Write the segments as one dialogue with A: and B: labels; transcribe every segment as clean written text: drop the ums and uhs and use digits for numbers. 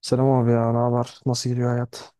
A: Selam abi ya, ne haber? Nasıl gidiyor hayat?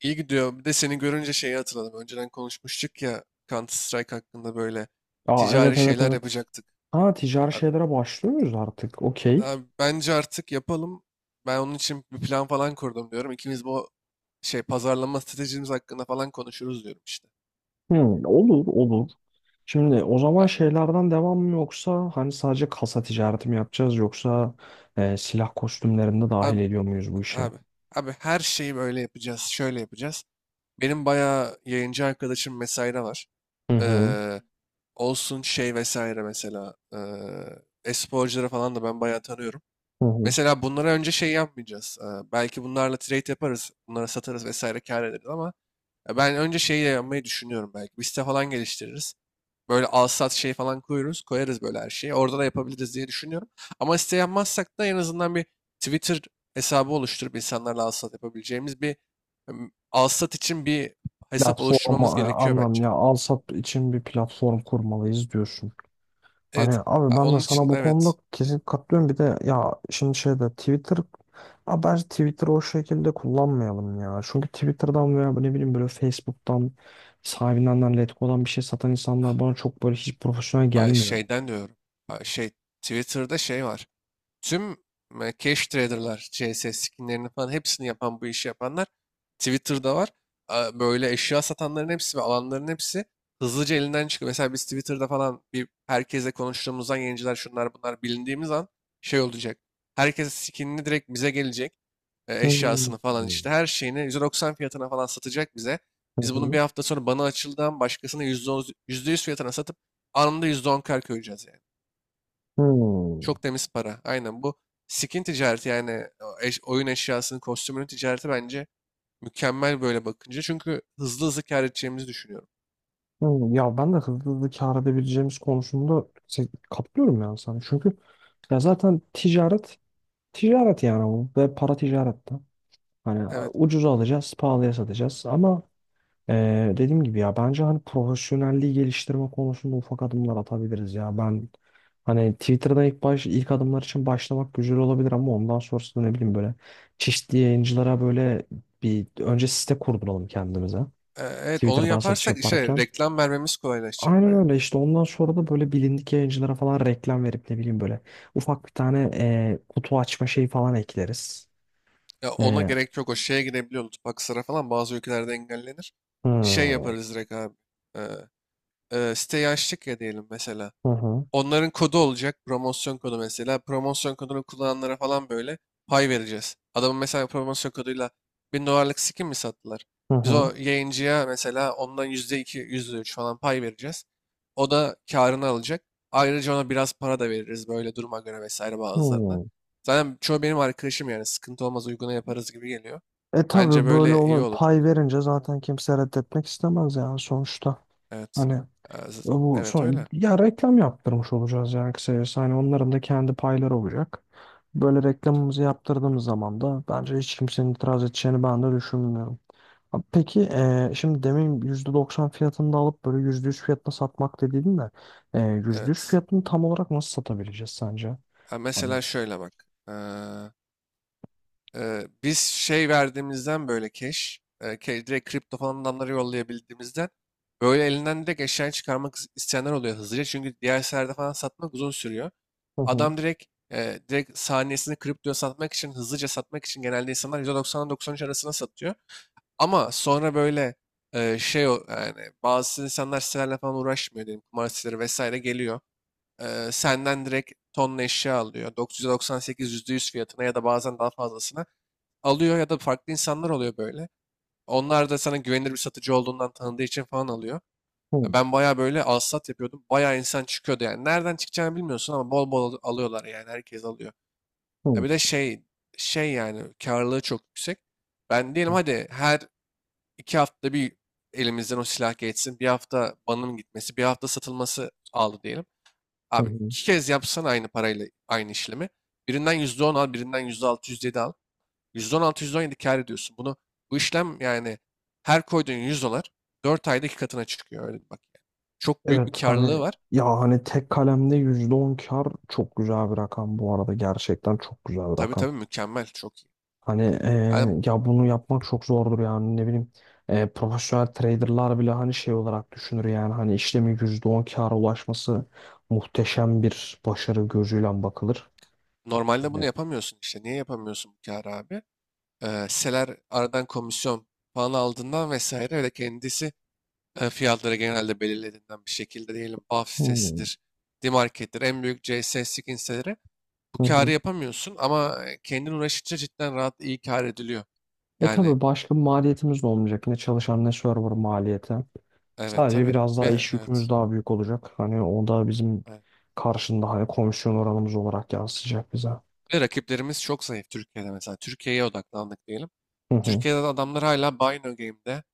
B: İyi gidiyor. Bir de seni görünce şeyi hatırladım. Önceden konuşmuştuk ya Counter Strike hakkında böyle
A: Aa,
B: ticari
A: evet evet
B: şeyler
A: evet.
B: yapacaktık.
A: Ha, ticari
B: Abi,
A: şeylere başlıyoruz artık? Okey.
B: abi, bence artık yapalım. Ben onun için bir plan falan kurdum diyorum. İkimiz bu şey pazarlama stratejimiz hakkında falan konuşuruz diyorum işte.
A: Hmm, olur olur. Şimdi o zaman
B: Ya,
A: şeylerden devam mı yoksa hani sadece kasa ticareti mi yapacağız yoksa silah kostümlerini de dahil
B: abi,
A: ediyor muyuz bu işe?
B: abi, abi, her şeyi böyle yapacağız, şöyle yapacağız. Benim bayağı yayıncı arkadaşım vesaire var.
A: Hı hı.
B: Ee, olsun şey vesaire mesela. E-sporcuları falan da ben bayağı tanıyorum.
A: Hı hı.
B: Mesela bunlara önce şey yapmayacağız. Belki bunlarla trade yaparız, bunlara satarız vesaire kâr ederiz ama ya ben önce şeyi de yapmayı düşünüyorum belki. Bir site falan geliştiririz. Böyle al sat şey falan koyarız böyle her şeyi. Orada da yapabiliriz diye düşünüyorum. Ama site yapmazsak da en azından bir Twitter hesabı oluşturup insanlarla al sat yapabileceğimiz bir al sat için bir hesap
A: Platform
B: oluşturmamız gerekiyor
A: anlam ya
B: bence.
A: al sat için bir platform kurmalıyız diyorsun.
B: Evet.
A: Hani abi
B: Ha,
A: ben de
B: onun için
A: sana bu konuda
B: evet.
A: kesin katılıyorum. Bir de ya şimdi şeyde Twitter. Abi bence Twitter'ı o şekilde kullanmayalım ya. Çünkü Twitter'dan veya ne bileyim böyle Facebook'tan sahibinden Letgo'dan bir şey satan insanlar bana çok böyle hiç profesyonel
B: Ay,
A: gelmiyor.
B: şeyden diyorum. Ay, şey Twitter'da şey var. Tüm cash trader'lar, CS skinlerini falan hepsini yapan bu işi yapanlar Twitter'da var. Böyle eşya satanların hepsi ve alanların hepsi hızlıca elinden çıkıyor. Mesela biz Twitter'da falan bir herkesle konuştuğumuzdan yayıncılar şunlar bunlar bilindiğimiz an şey olacak. Herkes skinini direkt bize gelecek. e,
A: Hmm.
B: Eşyasını falan işte her şeyini 190 fiyatına falan satacak bize.
A: Hı
B: Biz bunu
A: hı.
B: bir hafta sonra bana açıldan başkasına %10, %100 fiyatına satıp anında %10 kar koyacağız yani.
A: Hmm.
B: Çok temiz para. Aynen bu skin ticareti yani o oyun eşyasının, kostümünün ticareti bence mükemmel böyle bakınca. Çünkü hızlı hızlı kâr edeceğimizi düşünüyorum.
A: Hmm. Ya ben de hızlı hızlı kâr edebileceğimiz konusunda katılıyorum yani sana. Çünkü ya zaten ticaret ticaret yani bu ve para ticarette. Hani
B: Evet.
A: ucuza alacağız, pahalıya satacağız ama dediğim gibi ya bence hani profesyonelliği geliştirme konusunda ufak adımlar atabiliriz ya. Ben hani Twitter'da ilk adımlar için başlamak güzel olabilir ama ondan sonrasında ne bileyim böyle çeşitli yayıncılara böyle bir önce site kurduralım kendimize.
B: Evet, onu
A: Twitter'dan satış
B: yaparsak işte
A: yaparken.
B: reklam vermemiz kolaylaşacak
A: Aynen
B: baya.
A: öyle işte ondan sonra da böyle bilindik yayıncılara falan reklam verip ne bileyim böyle ufak bir tane kutu açma şeyi falan ekleriz.
B: Ya ona
A: E,
B: gerek yok. O şeye girebiliyor. Lütfaksıra falan bazı ülkelerde engellenir. Şey
A: hmm,
B: yaparız direkt abi. Ee, siteyi açtık ya diyelim mesela.
A: hı hı,
B: Onların kodu olacak. Promosyon kodu mesela. Promosyon kodunu kullananlara falan böyle pay vereceğiz. Adamın mesela promosyon koduyla 1000 dolarlık skin mi sattılar?
A: hı
B: Biz
A: hı,
B: o yayıncıya mesela ondan %2, yüzde üç falan pay vereceğiz. O da karını alacak. Ayrıca ona biraz para da veririz böyle duruma göre vesaire bazılarına.
A: hı.
B: Zaten çoğu benim arkadaşım yani sıkıntı olmaz uyguna yaparız gibi geliyor.
A: E,
B: Bence
A: tabii böyle
B: böyle iyi
A: olur.
B: olur.
A: Pay verince zaten kimse reddetmek istemez yani sonuçta.
B: Evet.
A: Hani bu
B: Evet
A: son
B: öyle.
A: ya reklam yaptırmış olacağız yani kısacası. Hani onların da kendi payları olacak. Böyle reklamımızı yaptırdığımız zaman da bence hiç kimsenin itiraz edeceğini ben de düşünmüyorum. Ha, peki şimdi demin %90 fiyatında alıp böyle %100 fiyatına satmak dediydin de %100
B: Evet.
A: fiyatını tam olarak nasıl satabileceğiz sence?
B: Ha, mesela
A: Tamam.
B: şöyle bak. Biz şey verdiğimizden böyle cash, direkt kripto falan adamlara yollayabildiğimizden böyle elinden direkt eşyayı çıkarmak isteyenler oluyor hızlıca. Çünkü diğer seferde falan satmak uzun sürüyor.
A: Hı hı.
B: Adam direkt saniyesini kriptoya satmak için, hızlıca satmak için genelde insanlar 190'dan 93 arasına satıyor. Ama sonra böyle yani bazı insanlar sitelerle falan uğraşmıyor diyelim kumar siteleri vesaire geliyor. Senden direkt tonla eşya alıyor. 998 yüzde %100 fiyatına ya da bazen daha fazlasına alıyor ya da farklı insanlar oluyor böyle. Onlar da sana güvenilir bir satıcı olduğundan tanıdığı için falan alıyor.
A: Hı hı.
B: Ya ben bayağı böyle alsat yapıyordum. Bayağı insan çıkıyordu yani. Nereden çıkacağını bilmiyorsun ama bol bol alıyorlar yani. Herkes alıyor. Ya bir de şey yani karlılığı çok yüksek. Ben diyelim hadi her iki haftada bir elimizden o silah geçsin. Bir hafta banım gitmesi, bir hafta satılması aldı diyelim.
A: Hı
B: Abi
A: hı.
B: iki kez yapsan aynı parayla aynı işlemi. Birinden %10 al, birinden %6 yüzde yedi al. %16-%17 kâr ediyorsun. Bunu bu işlem yani her koyduğun 100 dolar 4 ayda 2 katına çıkıyor. Öyle bak yani. Çok büyük bir
A: Evet, hani
B: karlılığı var.
A: ya hani tek kalemde %10 kar çok güzel bir rakam, bu arada gerçekten çok güzel bir
B: Tabii
A: rakam.
B: tabii mükemmel. Çok iyi.
A: Hani
B: Yani
A: ya bunu yapmak çok zordur yani ne bileyim. Profesyonel traderlar bile hani şey olarak düşünür, yani hani işlemin %10 kâra ulaşması muhteşem bir başarı gözüyle bakılır.
B: normalde bunu
A: Hani,
B: yapamıyorsun işte. Niye yapamıyorsun bu kârı abi? Hisseler aradan komisyon falan aldığından vesaire öyle kendisi fiyatları genelde belirlediğinden bir şekilde diyelim BAF
A: hmm,
B: sitesidir, D-Market'tir, en büyük CS, SIG hisseleri bu
A: hı
B: karı
A: hı.
B: yapamıyorsun ama kendin uğraşınca cidden rahat iyi kar ediliyor.
A: E,
B: Yani
A: tabii başka bir maliyetimiz de olmayacak. Ne çalışan ne server maliyeti.
B: evet
A: Sadece
B: tabii
A: biraz
B: ve
A: daha iş yükümüz
B: evet,
A: daha büyük olacak. Hani o da bizim
B: evet.
A: karşında hani komisyon oranımız olarak yansıyacak bize.
B: Ve rakiplerimiz çok zayıf Türkiye'de mesela. Türkiye'ye odaklandık diyelim.
A: Hı hı.
B: Türkiye'de de adamlar hala Bino Game'de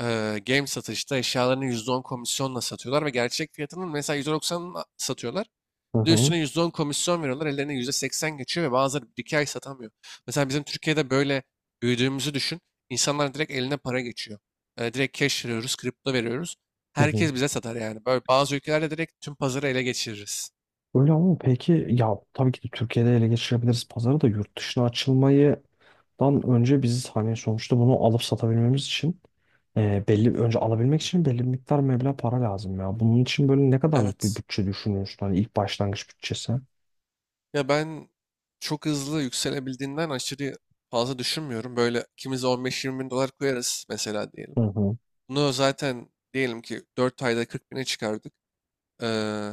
B: game satışta eşyalarını %10 komisyonla satıyorlar ve gerçek fiyatının mesela satıyorlar.
A: Hı
B: Bir de
A: hı.
B: üstüne %10 komisyon veriyorlar. Ellerine %80 geçiyor ve bazıları bir iki ay satamıyor. Mesela bizim Türkiye'de böyle büyüdüğümüzü düşün. İnsanlar direkt eline para geçiyor. Direkt cash veriyoruz, kripto veriyoruz.
A: Hı hı.
B: Herkes bize satar yani. Böyle bazı ülkelerde direkt tüm pazarı ele geçiririz.
A: Öyle, ama peki ya tabii ki de Türkiye'de ele geçirebiliriz pazarı da yurt dışına açılmadan önce biz hani sonuçta bunu alıp satabilmemiz için belli önce alabilmek için belli bir miktar meblağ para lazım ya. Bunun için böyle ne kadarlık bir
B: Evet.
A: bütçe düşünüyorsun? Hani ilk başlangıç bütçesi.
B: Ya ben çok hızlı yükselebildiğinden aşırı fazla düşünmüyorum. Böyle ikimiz de 15-20 bin dolar koyarız mesela diyelim.
A: Hı hı.
B: Bunu zaten diyelim ki 4 ayda 40 bine çıkardık. Ee,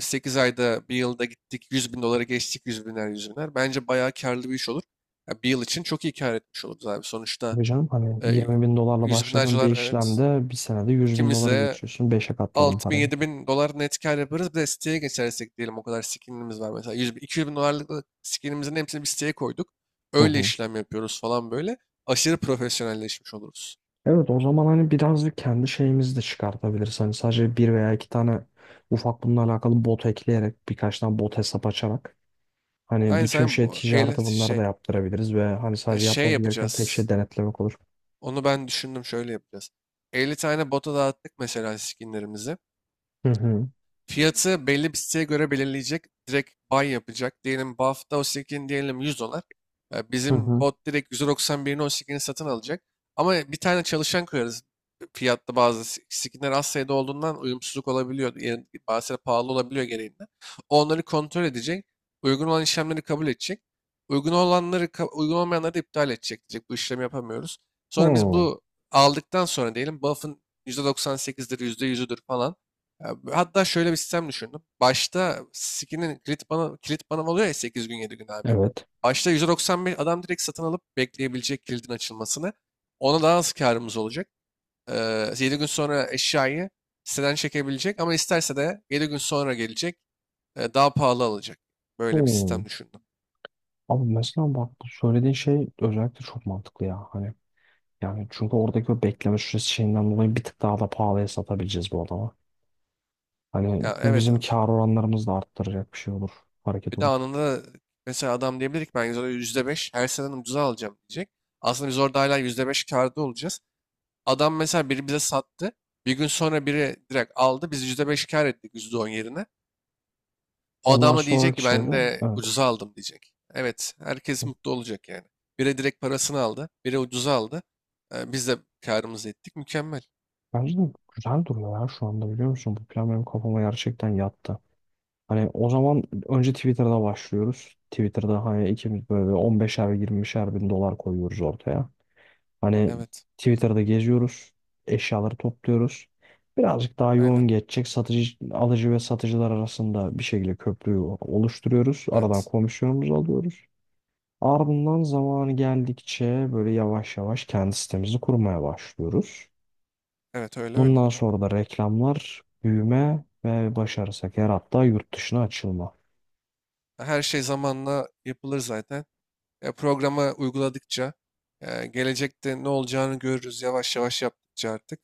B: 8 ayda bir yılda gittik 100 bin dolara geçtik 100 biner 100 biner. Bence bayağı karlı bir iş olur. Ya bir yıl için çok iyi kar etmiş oluruz abi. Sonuçta
A: Tabii canım, hani
B: e,
A: 20 bin dolarla
B: 100 binler
A: başladığın bir
B: dolar evet
A: işlemde bir senede 100 bin
B: ikimiz
A: doları
B: de
A: geçiyorsun. Beşe katladın parayı.
B: 6.000-7.000 dolar net kar yaparız. Bir de siteye geçersek diyelim o kadar skinimiz var. Mesela 100, 200 bin dolarlık skinimizin hepsini bir siteye koyduk.
A: Hı
B: Öyle
A: hı.
B: işlem yapıyoruz falan böyle. Aşırı profesyonelleşmiş oluruz.
A: Evet, o zaman hani birazcık kendi şeyimizi de çıkartabiliriz. Hani sadece bir veya iki tane ufak bununla alakalı bot ekleyerek, birkaç tane bot hesap açarak hani
B: Aynı
A: bütün
B: sen
A: şey
B: bu 50
A: ticareti bunları da
B: şey
A: yaptırabiliriz ve hani sadece
B: şey
A: yapmamız gereken tek
B: yapacağız.
A: şey denetlemek olur.
B: Onu ben düşündüm şöyle yapacağız. 50 tane bota dağıttık mesela skinlerimizi.
A: Hı hı.
B: Fiyatı belli bir siteye göre belirleyecek. Direkt buy yapacak. Diyelim bu hafta o skin diyelim 100 dolar. E,
A: Hı
B: Bizim
A: hı.
B: bot direkt 191'ini o skin'i satın alacak. Ama bir tane çalışan koyarız. Fiyatta bazı skinler az sayıda olduğundan uyumsuzluk olabiliyor. Yani bazıları pahalı olabiliyor gereğinden. Onları kontrol edecek. Uygun olan işlemleri kabul edecek. Uygun olanları, uygun olmayanları da iptal edecek. Diyecek bu işlemi yapamıyoruz. Sonra biz
A: Hı.
B: bu aldıktan sonra diyelim buff'ın %98'dir, %100'üdür falan. Ya, hatta şöyle bir sistem düşündüm. Başta Siki'nin kilit bana, oluyor ya 8 gün 7 gün abi.
A: Evet.
B: Başta 195 adam direkt satın alıp bekleyebilecek kilidin açılmasını. Ona daha az karımız olacak. 7 gün sonra eşyayı siteden çekebilecek ama isterse de 7 gün sonra gelecek. Daha pahalı alacak. Böyle bir
A: Hı.
B: sistem düşündüm.
A: Abi mesela bak, bu söylediğin şey özellikle çok mantıklı ya. Hani yani çünkü oradaki o bekleme süresi şeyinden dolayı bir tık daha da pahalıya satabileceğiz bu adama. Hani
B: Ya
A: bu
B: evet
A: bizim kar oranlarımızı da arttıracak bir şey olur. Hareket
B: bir de
A: olur.
B: anında mesela adam diyebilir ki ben %5 her seneden ucuza alacağım diyecek. Aslında biz orada hala %5 karda olacağız. Adam mesela biri bize sattı. Bir gün sonra biri direkt aldı. Biz %5 kar ettik %10 yerine. O
A: Ondan
B: adam da diyecek
A: sonraki
B: ki
A: şeyde
B: ben de
A: evet.
B: ucuza aldım diyecek. Evet herkes mutlu olacak yani. Biri direkt parasını aldı. Biri ucuza aldı. Biz de karımızı ettik. Mükemmel.
A: Bence de güzel duruyor ya şu anda, biliyor musun? Bu plan benim kafama gerçekten yattı. Hani o zaman önce Twitter'da başlıyoruz. Twitter'da hani ikimiz böyle 15'er 20'şer bin dolar koyuyoruz ortaya. Hani
B: Evet.
A: Twitter'da geziyoruz. Eşyaları topluyoruz. Birazcık daha
B: Aynen.
A: yoğun geçecek. Satıcı, alıcı ve satıcılar arasında bir şekilde köprüyü oluşturuyoruz. Aradan
B: Evet.
A: komisyonumuzu alıyoruz. Ardından zamanı geldikçe böyle yavaş yavaş kendi sitemizi kurmaya başlıyoruz.
B: Evet öyle öyle.
A: Bundan sonra da reklamlar, büyüme ve başarırsak eğer hatta yurt dışına açılma.
B: Her şey zamanla yapılır zaten. Ya programı uyguladıkça gelecekte ne olacağını görürüz yavaş yavaş yaptıkça artık.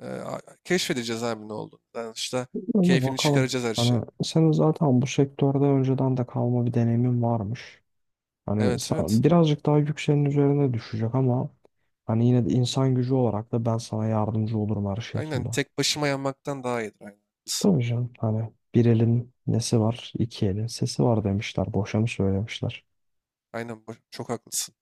B: Keşfedeceğiz abi ne olduğunu. Yani işte
A: Öyle
B: keyfini
A: bakalım.
B: çıkaracağız her
A: Hani
B: şeyin.
A: senin zaten bu sektörde önceden de kalma bir deneyimin varmış. Hani
B: Evet evet.
A: birazcık daha yükseğin üzerine düşecek ama hani yine de insan gücü olarak da ben sana yardımcı olurum her
B: Aynen
A: şekilde.
B: tek başıma yanmaktan daha iyidir. Aynen.
A: Tabii canım, hani bir elin nesi var, iki elin sesi var demişler. Boşa mı söylemişler?
B: Aynen çok haklısın.